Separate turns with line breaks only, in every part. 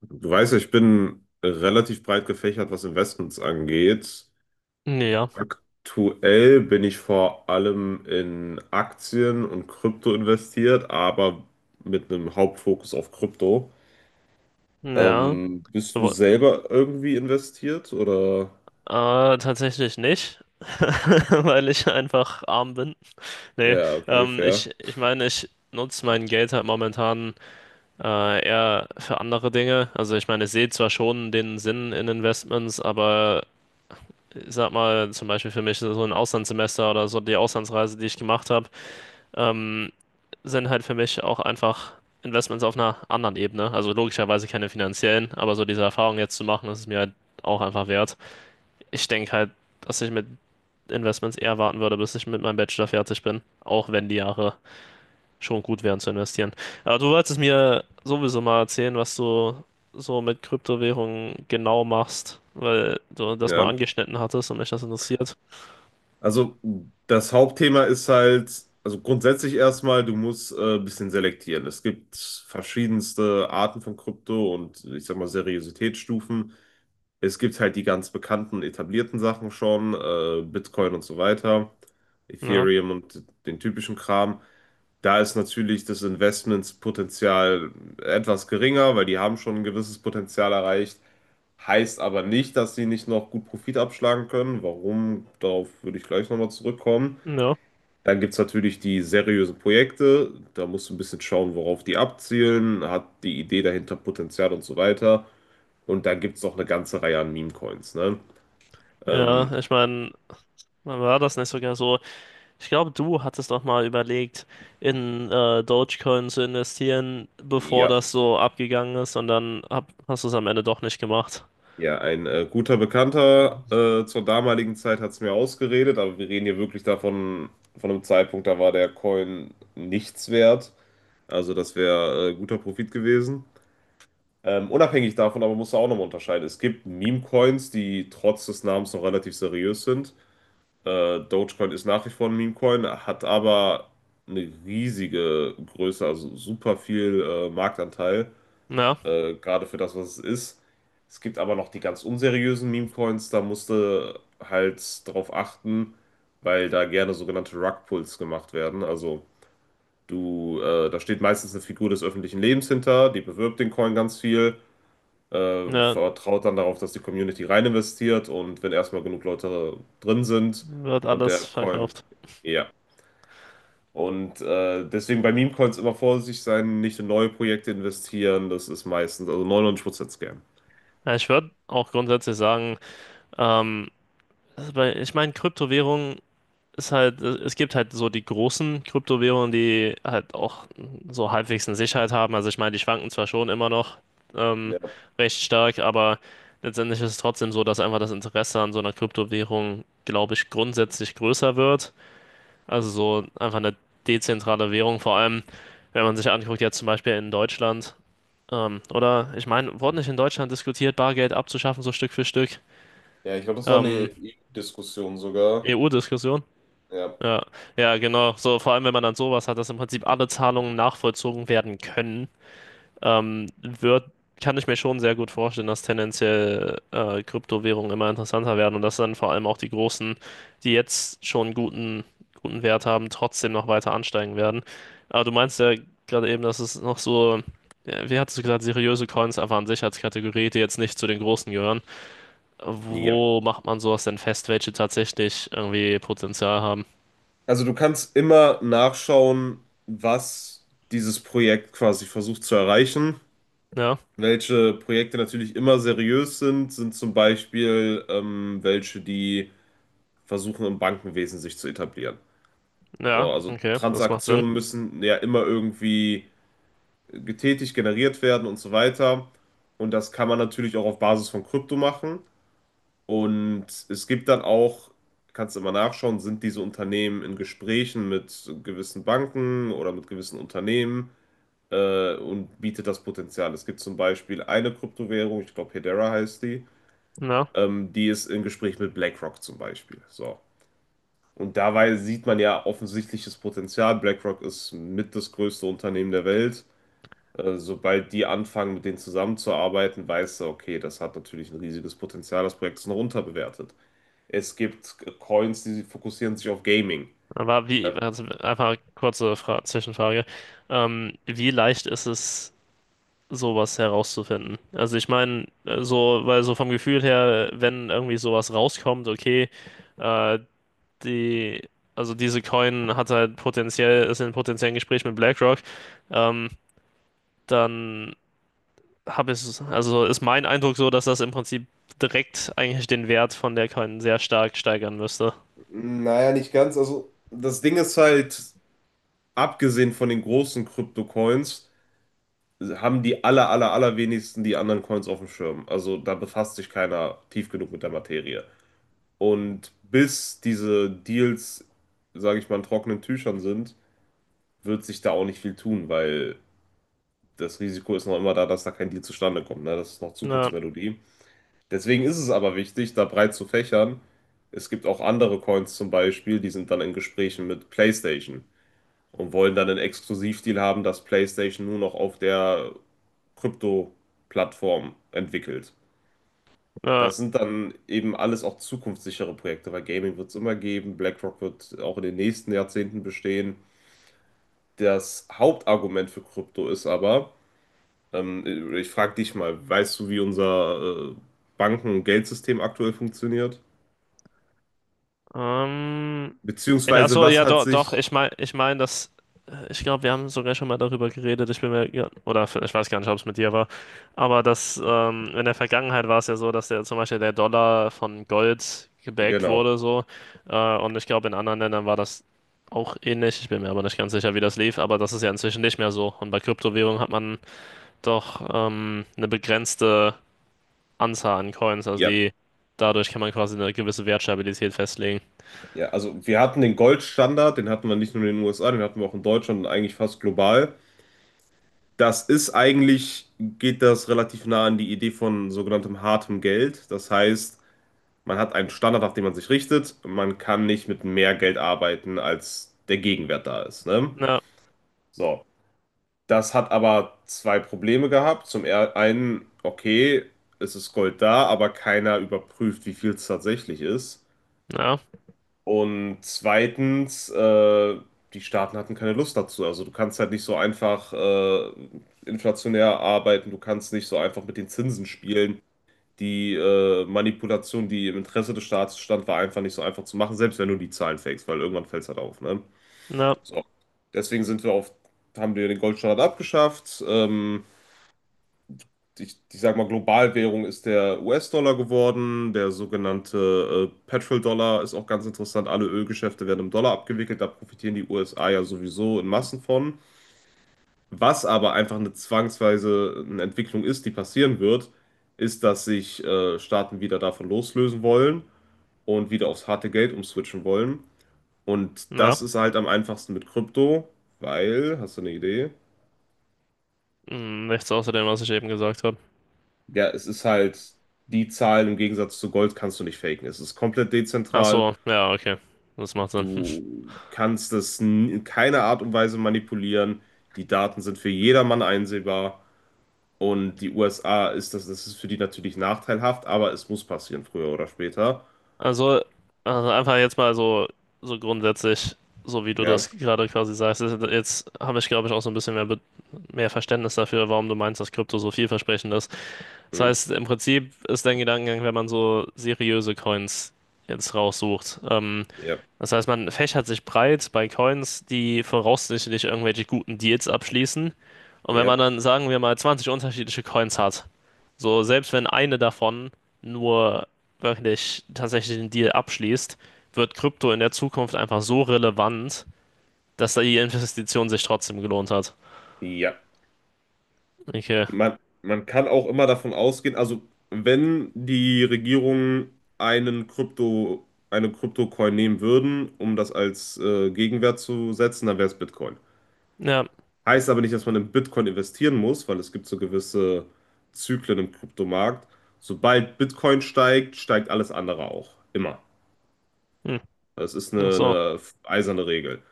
Du weißt ja, ich bin relativ breit gefächert, was Investments angeht.
Ja,
Aktuell bin ich vor allem in Aktien und Krypto investiert, aber mit einem Hauptfokus auf Krypto.
ja,
Bist du
aber
selber irgendwie investiert oder?
tatsächlich nicht, weil ich einfach arm bin. Nee,
Ja, okay, fair.
ich meine, ich nutze mein Geld halt momentan eher für andere Dinge. Also ich meine, ich sehe zwar schon den Sinn in Investments, aber ich sag mal, zum Beispiel für mich so ein Auslandssemester oder so die Auslandsreise, die ich gemacht habe, ähm, sind halt für mich auch einfach Investments auf einer anderen Ebene. Also logischerweise keine finanziellen, aber so diese Erfahrung jetzt zu machen, das ist mir halt auch einfach wert. Ich denke halt, dass ich mit Investments eher warten würde, bis ich mit meinem Bachelor fertig bin. Auch wenn die Jahre schon gut wären zu investieren. Aber du wolltest mir sowieso mal erzählen, was du so mit Kryptowährungen genau machst, weil du das mal
Ja.
angeschnitten hattest und mich das interessiert.
Also das Hauptthema ist halt, also grundsätzlich erstmal, du musst ein bisschen selektieren. Es gibt verschiedenste Arten von Krypto und ich sag mal Seriositätsstufen. Es gibt halt die ganz bekannten, etablierten Sachen schon, Bitcoin und so weiter,
Ja,
Ethereum und den typischen Kram. Da ist natürlich das Investmentspotenzial etwas geringer, weil die haben schon ein gewisses Potenzial erreicht. Heißt aber nicht, dass sie nicht noch gut Profit abschlagen können. Warum? Darauf würde ich gleich nochmal zurückkommen.
ja,
Dann gibt es natürlich die seriösen Projekte. Da musst du ein bisschen schauen, worauf die abzielen. Hat die Idee dahinter Potenzial und so weiter. Und da gibt es noch eine ganze Reihe an Meme-Coins. Ne? Ähm,
ja. Ich meine, war das nicht sogar so? Ich glaube, du hattest doch mal überlegt, in Dogecoin zu investieren, bevor
ja,
das so abgegangen ist, und dann hast du es am Ende doch nicht gemacht.
ja, ein guter Bekannter zur damaligen Zeit hat es mir ausgeredet, aber wir reden hier wirklich davon, von einem Zeitpunkt, da war der Coin nichts wert. Also das wäre guter Profit gewesen. Unabhängig davon aber musst du auch nochmal unterscheiden. Es gibt Meme-Coins, die trotz des Namens noch relativ seriös sind. Dogecoin ist nach wie vor ein Meme-Coin, hat aber eine riesige Größe, also super viel Marktanteil.
Ja?
Gerade für das, was es ist. Es gibt aber noch die ganz unseriösen Meme-Coins, da musste halt drauf achten, weil da gerne sogenannte Rug-Pulls gemacht werden. Also da steht meistens eine Figur des öffentlichen Lebens hinter, die bewirbt den Coin ganz viel,
Ja,
vertraut dann darauf, dass die Community rein investiert und wenn erstmal genug Leute drin sind
wird
und der
alles
Coin,
verkauft.
ja. Und deswegen bei Meme-Coins immer vorsichtig sein, nicht in neue Projekte investieren, das ist meistens, also 99% Scam.
Ja, ich würde auch grundsätzlich sagen, ähm, ich meine, Kryptowährung ist halt, es gibt halt so die großen Kryptowährungen, die halt auch so halbwegs eine Sicherheit haben. Also ich meine, die schwanken zwar schon immer noch ähm, recht stark, aber letztendlich ist es trotzdem so, dass einfach das Interesse an so einer Kryptowährung, glaube ich, grundsätzlich größer wird. Also so einfach eine dezentrale Währung, vor allem wenn man sich anguckt, jetzt zum Beispiel in Deutschland. Oder ich meine, wurde nicht in Deutschland diskutiert, Bargeld abzuschaffen, so Stück für Stück?
Ja, ich glaube, das war eine
Ähm,
EU-Diskussion sogar.
EU-Diskussion?
Ja.
Ja, ja, genau. So, vor allem, wenn man dann sowas hat, dass im Prinzip alle Zahlungen nachvollzogen werden können, ähm, wird, kann ich mir schon sehr gut vorstellen, dass tendenziell Kryptowährungen immer interessanter werden und dass dann vor allem auch die großen, die jetzt schon guten Wert haben, trotzdem noch weiter ansteigen werden. Aber du meinst ja gerade eben, dass es noch so, ja, wie hattest du gesagt, seriöse Coins einfach an sich als Kategorie, die jetzt nicht zu den großen gehören.
Ja.
Wo macht man sowas denn fest, welche tatsächlich irgendwie Potenzial haben?
Also du kannst immer nachschauen, was dieses Projekt quasi versucht zu erreichen.
Ja,
Welche Projekte natürlich immer seriös sind, sind zum Beispiel welche, die versuchen, im Bankenwesen sich zu etablieren. So,
ja,
also
okay, das macht Sinn.
Transaktionen müssen ja immer irgendwie getätigt, generiert werden und so weiter. Und das kann man natürlich auch auf Basis von Krypto machen. Und es gibt dann auch, kannst du immer nachschauen, sind diese Unternehmen in Gesprächen mit gewissen Banken oder mit gewissen Unternehmen und bietet das Potenzial. Es gibt zum Beispiel eine Kryptowährung, ich glaube Hedera heißt die,
Ja.
die ist im Gespräch mit BlackRock zum Beispiel. So. Und dabei sieht man ja offensichtliches Potenzial. BlackRock ist mit das größte Unternehmen der Welt. Sobald die anfangen, mit denen zusammenzuarbeiten, weißt du, okay, das hat natürlich ein riesiges Potenzial, das Projekt ist noch unterbewertet. Es gibt Coins, die fokussieren sich auf Gaming.
Aber wie, also einfach kurze Fra Zwischenfrage. Wie leicht ist es, sowas herauszufinden? Also ich meine, so, weil so vom Gefühl her, wenn irgendwie sowas rauskommt, okay, äh, die, also diese Coin hat halt potenziell, ist in potenziellen Gespräch mit BlackRock, ähm, dann habe ich, also ist mein Eindruck so, dass das im Prinzip direkt eigentlich den Wert von der Coin sehr stark steigern müsste.
Naja, nicht ganz. Also, das Ding ist halt, abgesehen von den großen Krypto-Coins, haben die allerwenigsten die anderen Coins auf dem Schirm. Also da befasst sich keiner tief genug mit der Materie. Und bis diese Deals, sage ich mal, in trockenen Tüchern sind, wird sich da auch nicht viel tun, weil das Risiko ist noch immer da, dass da kein Deal zustande kommt. Ne? Das ist noch
Ja,
Zukunftsmelodie. Deswegen ist es aber wichtig, da breit zu fächern. Es gibt auch andere Coins zum Beispiel, die sind dann in Gesprächen mit PlayStation und wollen dann einen Exklusivdeal haben, dass PlayStation nur noch auf der Krypto-Plattform entwickelt.
ja.
Das sind dann eben alles auch zukunftssichere Projekte, weil Gaming wird es immer geben, BlackRock wird auch in den nächsten Jahrzehnten bestehen. Das Hauptargument für Krypto ist aber, ich frage dich mal, weißt du, wie unser Banken- und Geldsystem aktuell funktioniert?
Ähm,
Beziehungsweise,
achso,
was
ja,
hat
doch, doch,
sich.
ich meine, dass, ich glaube, wir haben sogar schon mal darüber geredet, ich bin mir, ja, oder ich weiß gar nicht, ob es mit dir war, aber dass, in der Vergangenheit war es ja so, dass der, zum Beispiel der Dollar von Gold gebackt
Genau.
wurde, so, und ich glaube, in anderen Ländern war das auch ähnlich, ich bin mir aber nicht ganz sicher, wie das lief, aber das ist ja inzwischen nicht mehr so, und bei Kryptowährungen hat man doch, eine begrenzte Anzahl an Coins, also
Ja.
die, dadurch kann man quasi eine gewisse Wertstabilität festlegen.
Ja, also wir hatten den Goldstandard, den hatten wir nicht nur in den USA, den hatten wir auch in Deutschland und eigentlich fast global. Das ist eigentlich, geht das relativ nah an die Idee von sogenanntem hartem Geld. Das heißt, man hat einen Standard, auf den man sich richtet. Man kann nicht mit mehr Geld arbeiten, als der Gegenwert da ist. Ne?
Ja.
So, das hat aber zwei Probleme gehabt. Zum einen, okay, es ist Gold da, aber keiner überprüft, wie viel es tatsächlich ist.
Ja,
Und zweitens, die Staaten hatten keine Lust dazu. Also du kannst halt nicht so einfach inflationär arbeiten, du kannst nicht so einfach mit den Zinsen spielen. Die Manipulation, die im Interesse des Staates stand, war einfach nicht so einfach zu machen, selbst wenn du die Zahlen fakest, weil irgendwann fällt es halt auf, ne?
ja,
So. Deswegen haben wir den Goldstandard abgeschafft. Ich sag mal, Globalwährung ist der US-Dollar geworden, der sogenannte Petrol-Dollar ist auch ganz interessant. Alle Ölgeschäfte werden im Dollar abgewickelt, da profitieren die USA ja sowieso in Massen von. Was aber einfach eine zwangsweise eine Entwicklung ist, die passieren wird, ist, dass sich Staaten wieder davon loslösen wollen und wieder aufs harte Geld umswitchen wollen. Und
ja.
das ist halt am einfachsten mit Krypto, weil, hast du eine Idee?
Hm, nichts außer dem, was ich eben gesagt habe.
Ja, es ist halt, die Zahlen im Gegensatz zu Gold kannst du nicht faken. Es ist komplett
Ach
dezentral.
so, ja, okay. Das macht Sinn.
Du kannst es in keiner Art und Weise manipulieren. Die Daten sind für jedermann einsehbar. Und die USA ist das, das ist für die natürlich nachteilhaft, aber es muss passieren, früher oder später.
Also, also einfach jetzt mal so, so grundsätzlich, so wie du
Ja.
das gerade quasi sagst, jetzt habe ich, glaube ich, auch so ein bisschen mehr Verständnis dafür, warum du meinst, dass Krypto so vielversprechend ist. Das
Hm.
heißt, im Prinzip ist dein Gedankengang, wenn man so seriöse Coins jetzt raussucht,
Ja.
das heißt, man fächert sich breit bei Coins, die voraussichtlich irgendwelche guten Deals abschließen. Und wenn
Ja.
man dann, sagen wir mal, 20 unterschiedliche Coins hat, so selbst wenn eine davon nur wirklich tatsächlich den Deal abschließt, wird Krypto in der Zukunft einfach so relevant, dass da die Investition sich trotzdem gelohnt hat.
Ja.
Okay.
Man, man kann auch immer davon ausgehen, also wenn die Regierung einen Krypto, eine Kryptocoin nehmen würden, um das als Gegenwert zu setzen, dann wäre es Bitcoin.
Ja.
Heißt aber nicht, dass man in Bitcoin investieren muss, weil es gibt so gewisse Zyklen im Kryptomarkt. Sobald Bitcoin steigt, steigt alles andere auch. Immer.
Hm.
Das ist
Ach so.
eine eiserne Regel.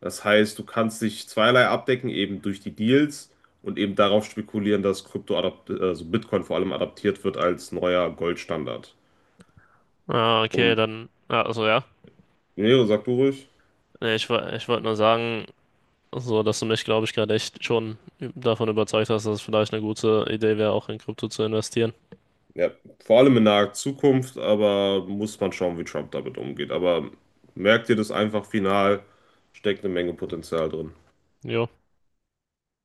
Das heißt, du kannst dich zweierlei abdecken, eben durch die Deals und eben darauf spekulieren, dass Krypto adapt also Bitcoin vor allem adaptiert wird als neuer Goldstandard.
Ah, okay,
Und
dann. Ah, also ja.
nee, sag du ruhig.
Nee, ich, ich wollte nur sagen, so, dass du mich, glaube ich, gerade echt schon davon überzeugt hast, dass es vielleicht eine gute Idee wäre, auch in Krypto zu investieren.
Ja, vor allem in naher Zukunft, aber muss man schauen, wie Trump damit umgeht. Aber merkt ihr das einfach final, steckt eine Menge Potenzial drin.
Jo.